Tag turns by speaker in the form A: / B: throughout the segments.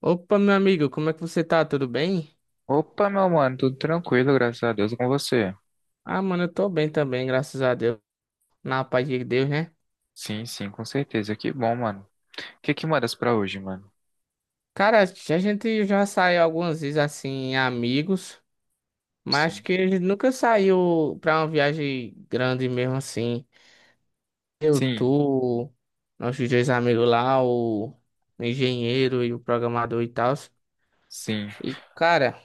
A: Opa, meu amigo, como é que você tá? Tudo bem?
B: Opa, meu mano, tudo tranquilo, graças a Deus com você.
A: Ah, mano, eu tô bem também, graças a Deus. Na paz de Deus, né?
B: Sim, sim, com certeza. Que bom, mano. O que que mandas pra hoje, mano?
A: Cara, a gente já saiu algumas vezes assim, amigos, mas acho
B: Sim.
A: que a gente nunca saiu pra uma viagem grande mesmo assim. Eu,
B: Sim,
A: tu, nossos dois amigos lá, o engenheiro e o programador e tal.
B: sim.
A: E, cara,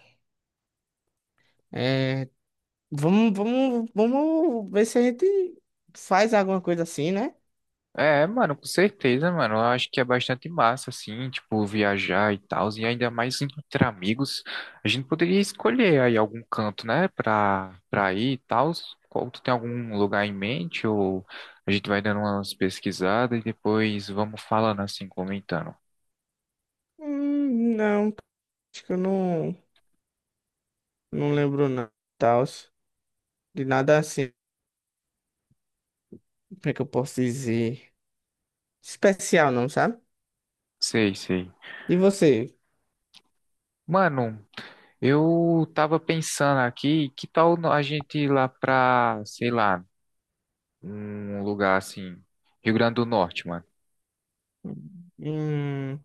A: é... vamos ver se a gente faz alguma coisa assim, né?
B: É, mano, com certeza, mano. Eu acho que é bastante massa, assim, tipo, viajar e tal. E ainda mais entre amigos. A gente poderia escolher aí algum canto, né, pra ir e tal. Qual, tu tem algum lugar em mente? Ou a gente vai dando umas pesquisadas e depois vamos falando assim, comentando.
A: Não, acho que eu não. Não lembro não, tal, de nada assim, como é que eu posso dizer? Especial não, sabe?
B: Sei, sei.
A: E você?
B: Mano. Eu tava pensando aqui, que tal a gente ir lá pra, sei lá, um lugar assim, Rio Grande do Norte, mano.
A: Hum,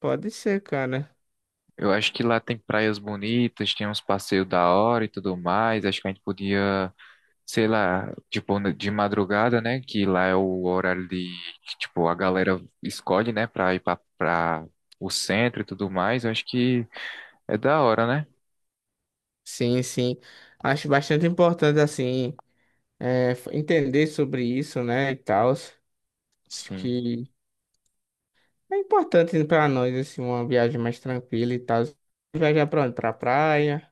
A: pode ser, cara.
B: Eu acho que lá tem praias bonitas, tem uns passeios da hora e tudo mais. Acho que a gente podia, sei lá, tipo, de madrugada, né? Que lá é o horário de, que, tipo, a galera escolhe, né, pra ir pra, pra o centro e tudo mais. Eu acho que é da hora, né?
A: Sim, sim. Acho bastante importante, assim, entender sobre isso, né, e tal. Acho
B: Sim.
A: que é importante para nós, assim, uma viagem mais tranquila e tal. Viajar pra onde? Pra praia.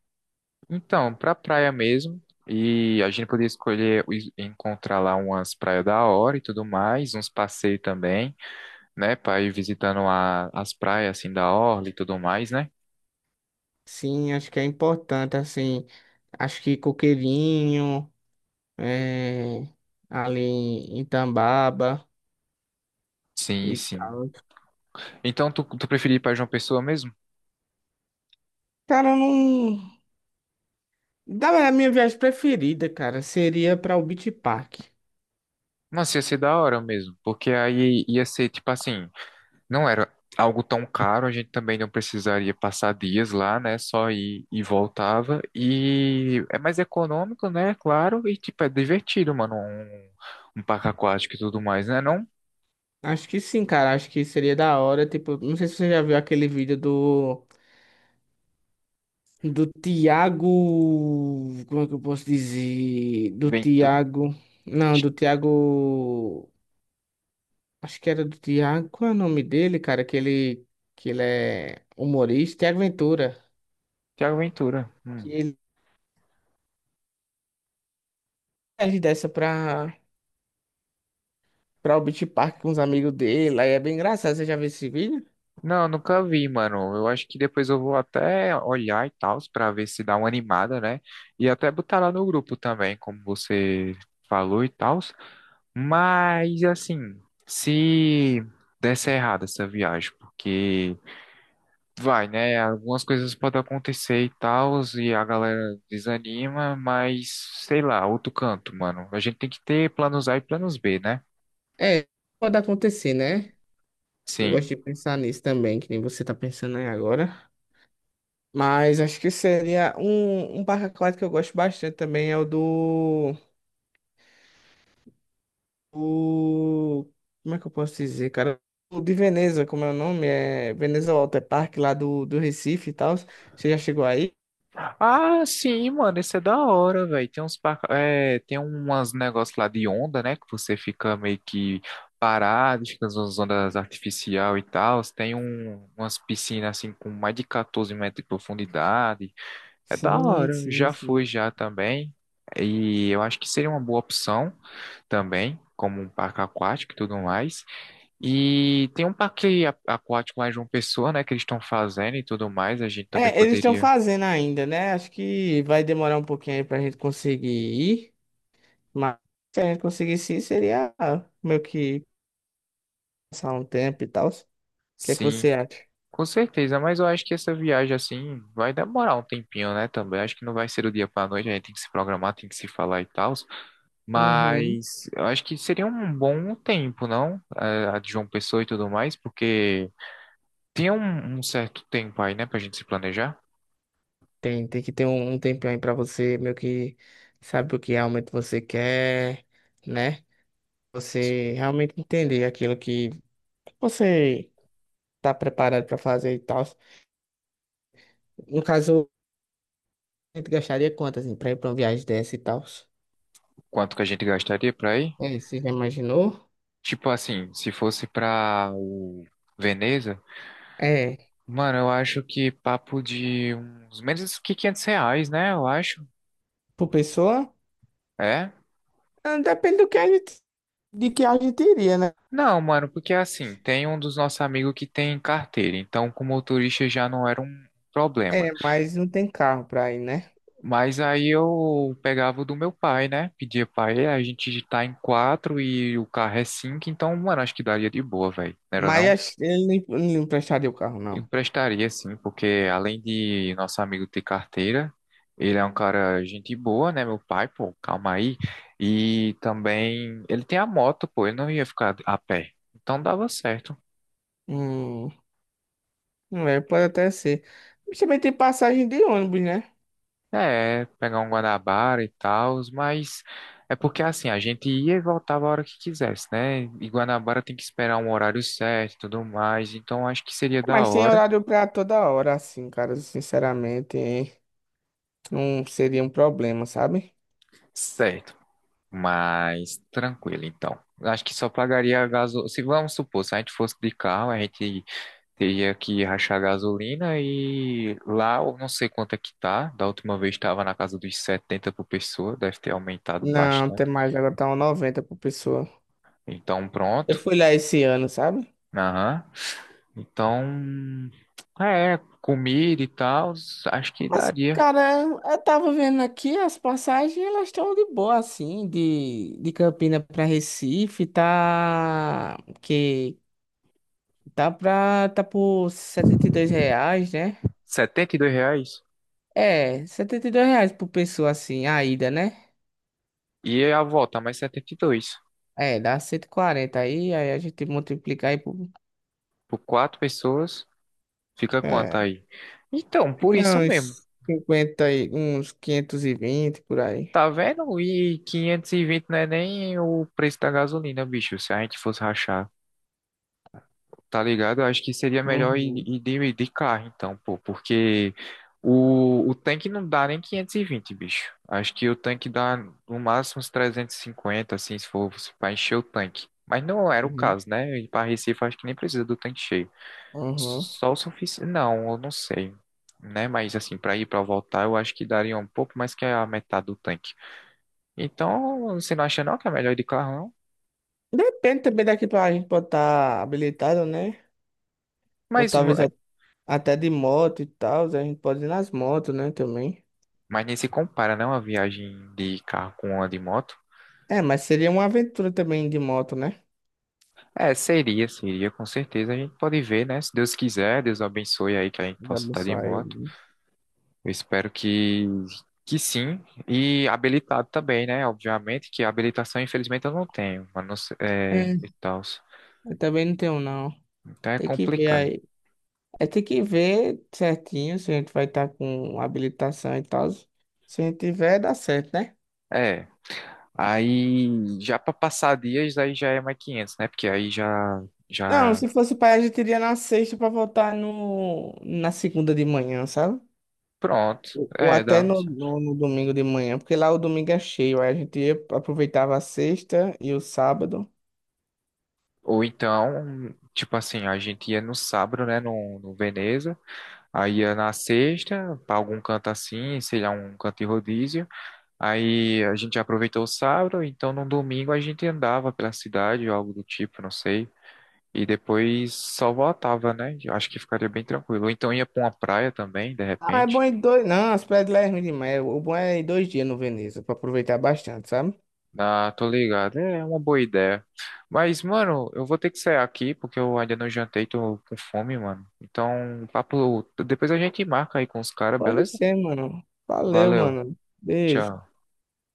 B: Então, pra praia mesmo. E a gente podia escolher encontrar lá umas praias da hora e tudo mais, uns passeios também, né? Pra ir visitando as praias assim da orla e tudo mais, né?
A: Sim, acho que é importante, assim, acho que Coqueirinho, é, ali em Tambaba.
B: Sim,
A: E
B: sim.
A: tal.
B: Então, tu preferia ir pra João Pessoa mesmo?
A: Cara, eu não. Da verdade, a minha viagem preferida, cara, seria pra o Beach Park.
B: Nossa, ia ser da hora mesmo, porque aí ia ser tipo assim. Não era algo tão caro, a gente também não precisaria passar dias lá, né? Só ir e voltava. E é mais econômico, né? Claro, e tipo, é divertido, mano. Um parque aquático e tudo mais, né? Não?
A: Acho que sim, cara. Acho que seria da hora. Tipo, não sei se você já viu aquele vídeo do. Do Tiago. Como é que eu posso dizer? Do
B: Ventura.
A: Tiago. Não, do Tiago. Acho que era do Tiago. Qual é o nome dele, cara? Que ele. Que ele é humorista. Tiago Ventura.
B: Tiago Ventura.
A: Que
B: Hum.
A: ele ele desce pra. Pra o Beach Park com os amigos dele. Aí é bem engraçado. Você já viu esse vídeo?
B: Não, nunca vi, mano. Eu acho que depois eu vou até olhar e tal, pra ver se dá uma animada, né? E até botar lá no grupo também, como você falou e tal. Mas assim, se desse errado essa viagem, porque vai, né? Algumas coisas podem acontecer e tal, e a galera desanima, mas sei lá, outro canto, mano. A gente tem que ter planos A e planos B, né?
A: É, pode acontecer, né? Eu
B: Sim.
A: gosto de pensar nisso também, que nem você tá pensando aí agora. Mas acho que seria um parque aquático que eu gosto bastante também é o do, o como é que eu posso dizer, cara? O de Veneza, como é o nome? É Veneza Water Park lá do Recife e tal. Você já chegou aí?
B: Ah, sim, mano, isso é da hora, velho. Tem uns, tem umas negócios lá de onda, né? Que você fica meio que parado, fica nas ondas artificial e tal. Tem umas piscinas assim com mais de 14 metros de profundidade. É da
A: Sim,
B: hora,
A: sim,
B: já fui
A: sim.
B: já também. E eu acho que seria uma boa opção também, como um parque aquático e tudo mais. E tem um parque aquático lá em João Pessoa, né, que eles estão fazendo e tudo mais, a gente também
A: É, eles estão
B: poderia.
A: fazendo ainda, né? Acho que vai demorar um pouquinho aí pra gente conseguir ir, mas se a gente conseguisse ir, seria meio que passar um tempo e tal. O que é que
B: Sim,
A: você acha?
B: com certeza, mas eu acho que essa viagem assim vai demorar um tempinho, né, também. Acho que não vai ser do dia para noite, a gente tem que se programar, tem que se falar e tal.
A: Uhum.
B: Mas eu acho que seria um bom tempo, não? A de João Pessoa e tudo mais, porque tinha um certo tempo aí, né, pra gente se planejar,
A: Tem que ter um tempinho aí pra você, meio que sabe o que realmente você quer, né? Você realmente entender aquilo que você tá preparado pra fazer e tal. No caso, a gente gastaria quanto, assim, pra ir pra uma viagem dessa e tal?
B: quanto que a gente gastaria pra ir.
A: É, você já imaginou?
B: Tipo assim, se fosse pra o Veneza,
A: É,
B: mano, eu acho que papo de uns menos que R$ 500, né, eu acho.
A: por pessoa?
B: É?
A: Ah, depende do que a gente, de que a gente iria, né?
B: Não, mano, porque assim, tem um dos nossos amigos que tem carteira, então com motorista já não era um problema.
A: É, mas não tem carro pra ir, né?
B: Mas aí eu pegava o do meu pai, né, pedia pra ele, a gente tá em quatro e o carro é cinco, então, mano, acho que daria de boa, velho, não era
A: Mas
B: não?
A: acho que ele não emprestaria o carro, não.
B: Emprestaria sim, porque além de nosso amigo ter carteira, ele é um cara gente boa, né, meu pai, pô, calma aí. E também ele tem a moto, pô, ele não ia ficar a pé. Então dava certo.
A: Hum, é, pode até ser. Mas também tem passagem de ônibus, né?
B: É, pegar um Guanabara e tal, mas é porque assim, a gente ia e voltava a hora que quisesse, né? E Guanabara tem que esperar um horário certo e tudo mais, então acho que seria da
A: Mas tem
B: hora.
A: horário pra toda hora, assim, cara. Sinceramente, não seria um problema, sabe?
B: Certo. Mas tranquilo, então. Acho que só pagaria a gasolina. Se vamos supor, se a gente fosse de carro, a gente teria que rachar gasolina e lá eu não sei quanto é que tá. Da última vez estava na casa dos 70 por pessoa, deve ter aumentado
A: Não, tem
B: bastante.
A: mais. Agora tá um 90 por pessoa.
B: Então
A: Eu
B: pronto.
A: fui lá esse ano, sabe?
B: Aham. Então, é, comida e tal, acho que
A: Mas,
B: daria.
A: cara, eu tava vendo aqui as passagens, elas estão de boa, assim, de Campina pra Recife, tá. Que tá pra. Tá por R$ 72, né?
B: R$ 72.
A: É, R$ 72 reais por pessoa assim, a ida, né?
B: E é a volta, mais 72.
A: É, dá 140 aí, aí a gente multiplica aí por.
B: Por quatro pessoas, fica quanto
A: É,
B: aí? Então, por
A: fica
B: isso mesmo.
A: uns 50 e uns 520 por aí.
B: Tá vendo? E 520 não é nem o preço da gasolina, bicho. Se a gente fosse rachar, tá ligado? Eu acho que seria melhor ir,
A: Uhum,
B: ir de, de carro, então, pô, porque o tanque não dá nem 520 bicho. Acho que o tanque dá no máximo uns 350 assim, se for para encher o tanque. Mas não era o
A: uhum,
B: caso, né? E para Recife, acho que nem precisa do tanque cheio.
A: uhum.
B: Só o suficiente. Não, eu não sei, né? Mas assim, para ir para voltar, eu acho que daria um pouco mais que a metade do tanque. Então, você não acha não que é melhor ir de carro, não?
A: Depende também daqui pra gente pode estar habilitado, né? Ou
B: Mas,
A: talvez a- até de moto e tal, a gente pode ir nas motos, né, também.
B: mas nem se compara, não, a viagem de carro com a de moto.
A: É, mas seria uma aventura também de moto, né?
B: É, seria, seria, com certeza. A gente pode ver, né? Se Deus quiser, Deus abençoe aí que a gente
A: Já
B: possa estar de
A: pensou
B: moto.
A: aí.
B: Eu espero que sim. E habilitado também, né? Obviamente que a habilitação, infelizmente, eu não tenho. Mas não sei- é,
A: É,
B: e tal.
A: eu também não tenho, não.
B: Então é
A: Tem que ver
B: complicado.
A: aí. É ter que ver certinho se a gente vai estar com habilitação e tal. Se a gente tiver, dá certo, né?
B: É. Aí, já para passar dias, aí já é mais 500 né? Porque aí já,
A: Não,
B: já
A: se fosse pai, a gente iria na sexta pra voltar no, na segunda de manhã, sabe?
B: pronto,
A: Ou
B: é,
A: até
B: dá.
A: no, no, no domingo de manhã, porque lá o domingo é cheio, aí a gente ia, aproveitava a sexta e o sábado.
B: Ou então, tipo assim, a gente ia no sábado, né, no, no Veneza, aí ia na sexta, pra algum canto assim, sei lá, um canto de rodízio. Aí a gente aproveitou o sábado, então no domingo a gente andava pela cidade ou algo do tipo, não sei. E depois só voltava, né? Eu acho que ficaria bem tranquilo. Ou então ia pra uma praia também, de
A: Ah, é
B: repente.
A: bom em dois. Não, as praias de lá é ruim demais. O bom é ir dois dias no Veneza, pra aproveitar bastante, sabe?
B: Ah, tô ligado. É uma boa ideia. Mas, mano, eu vou ter que sair aqui porque eu ainda não jantei, tô com fome, mano. Então, papo, depois a gente marca aí com os caras,
A: Pode
B: beleza?
A: ser, mano. Valeu,
B: Valeu.
A: mano. Beijo.
B: Tchau.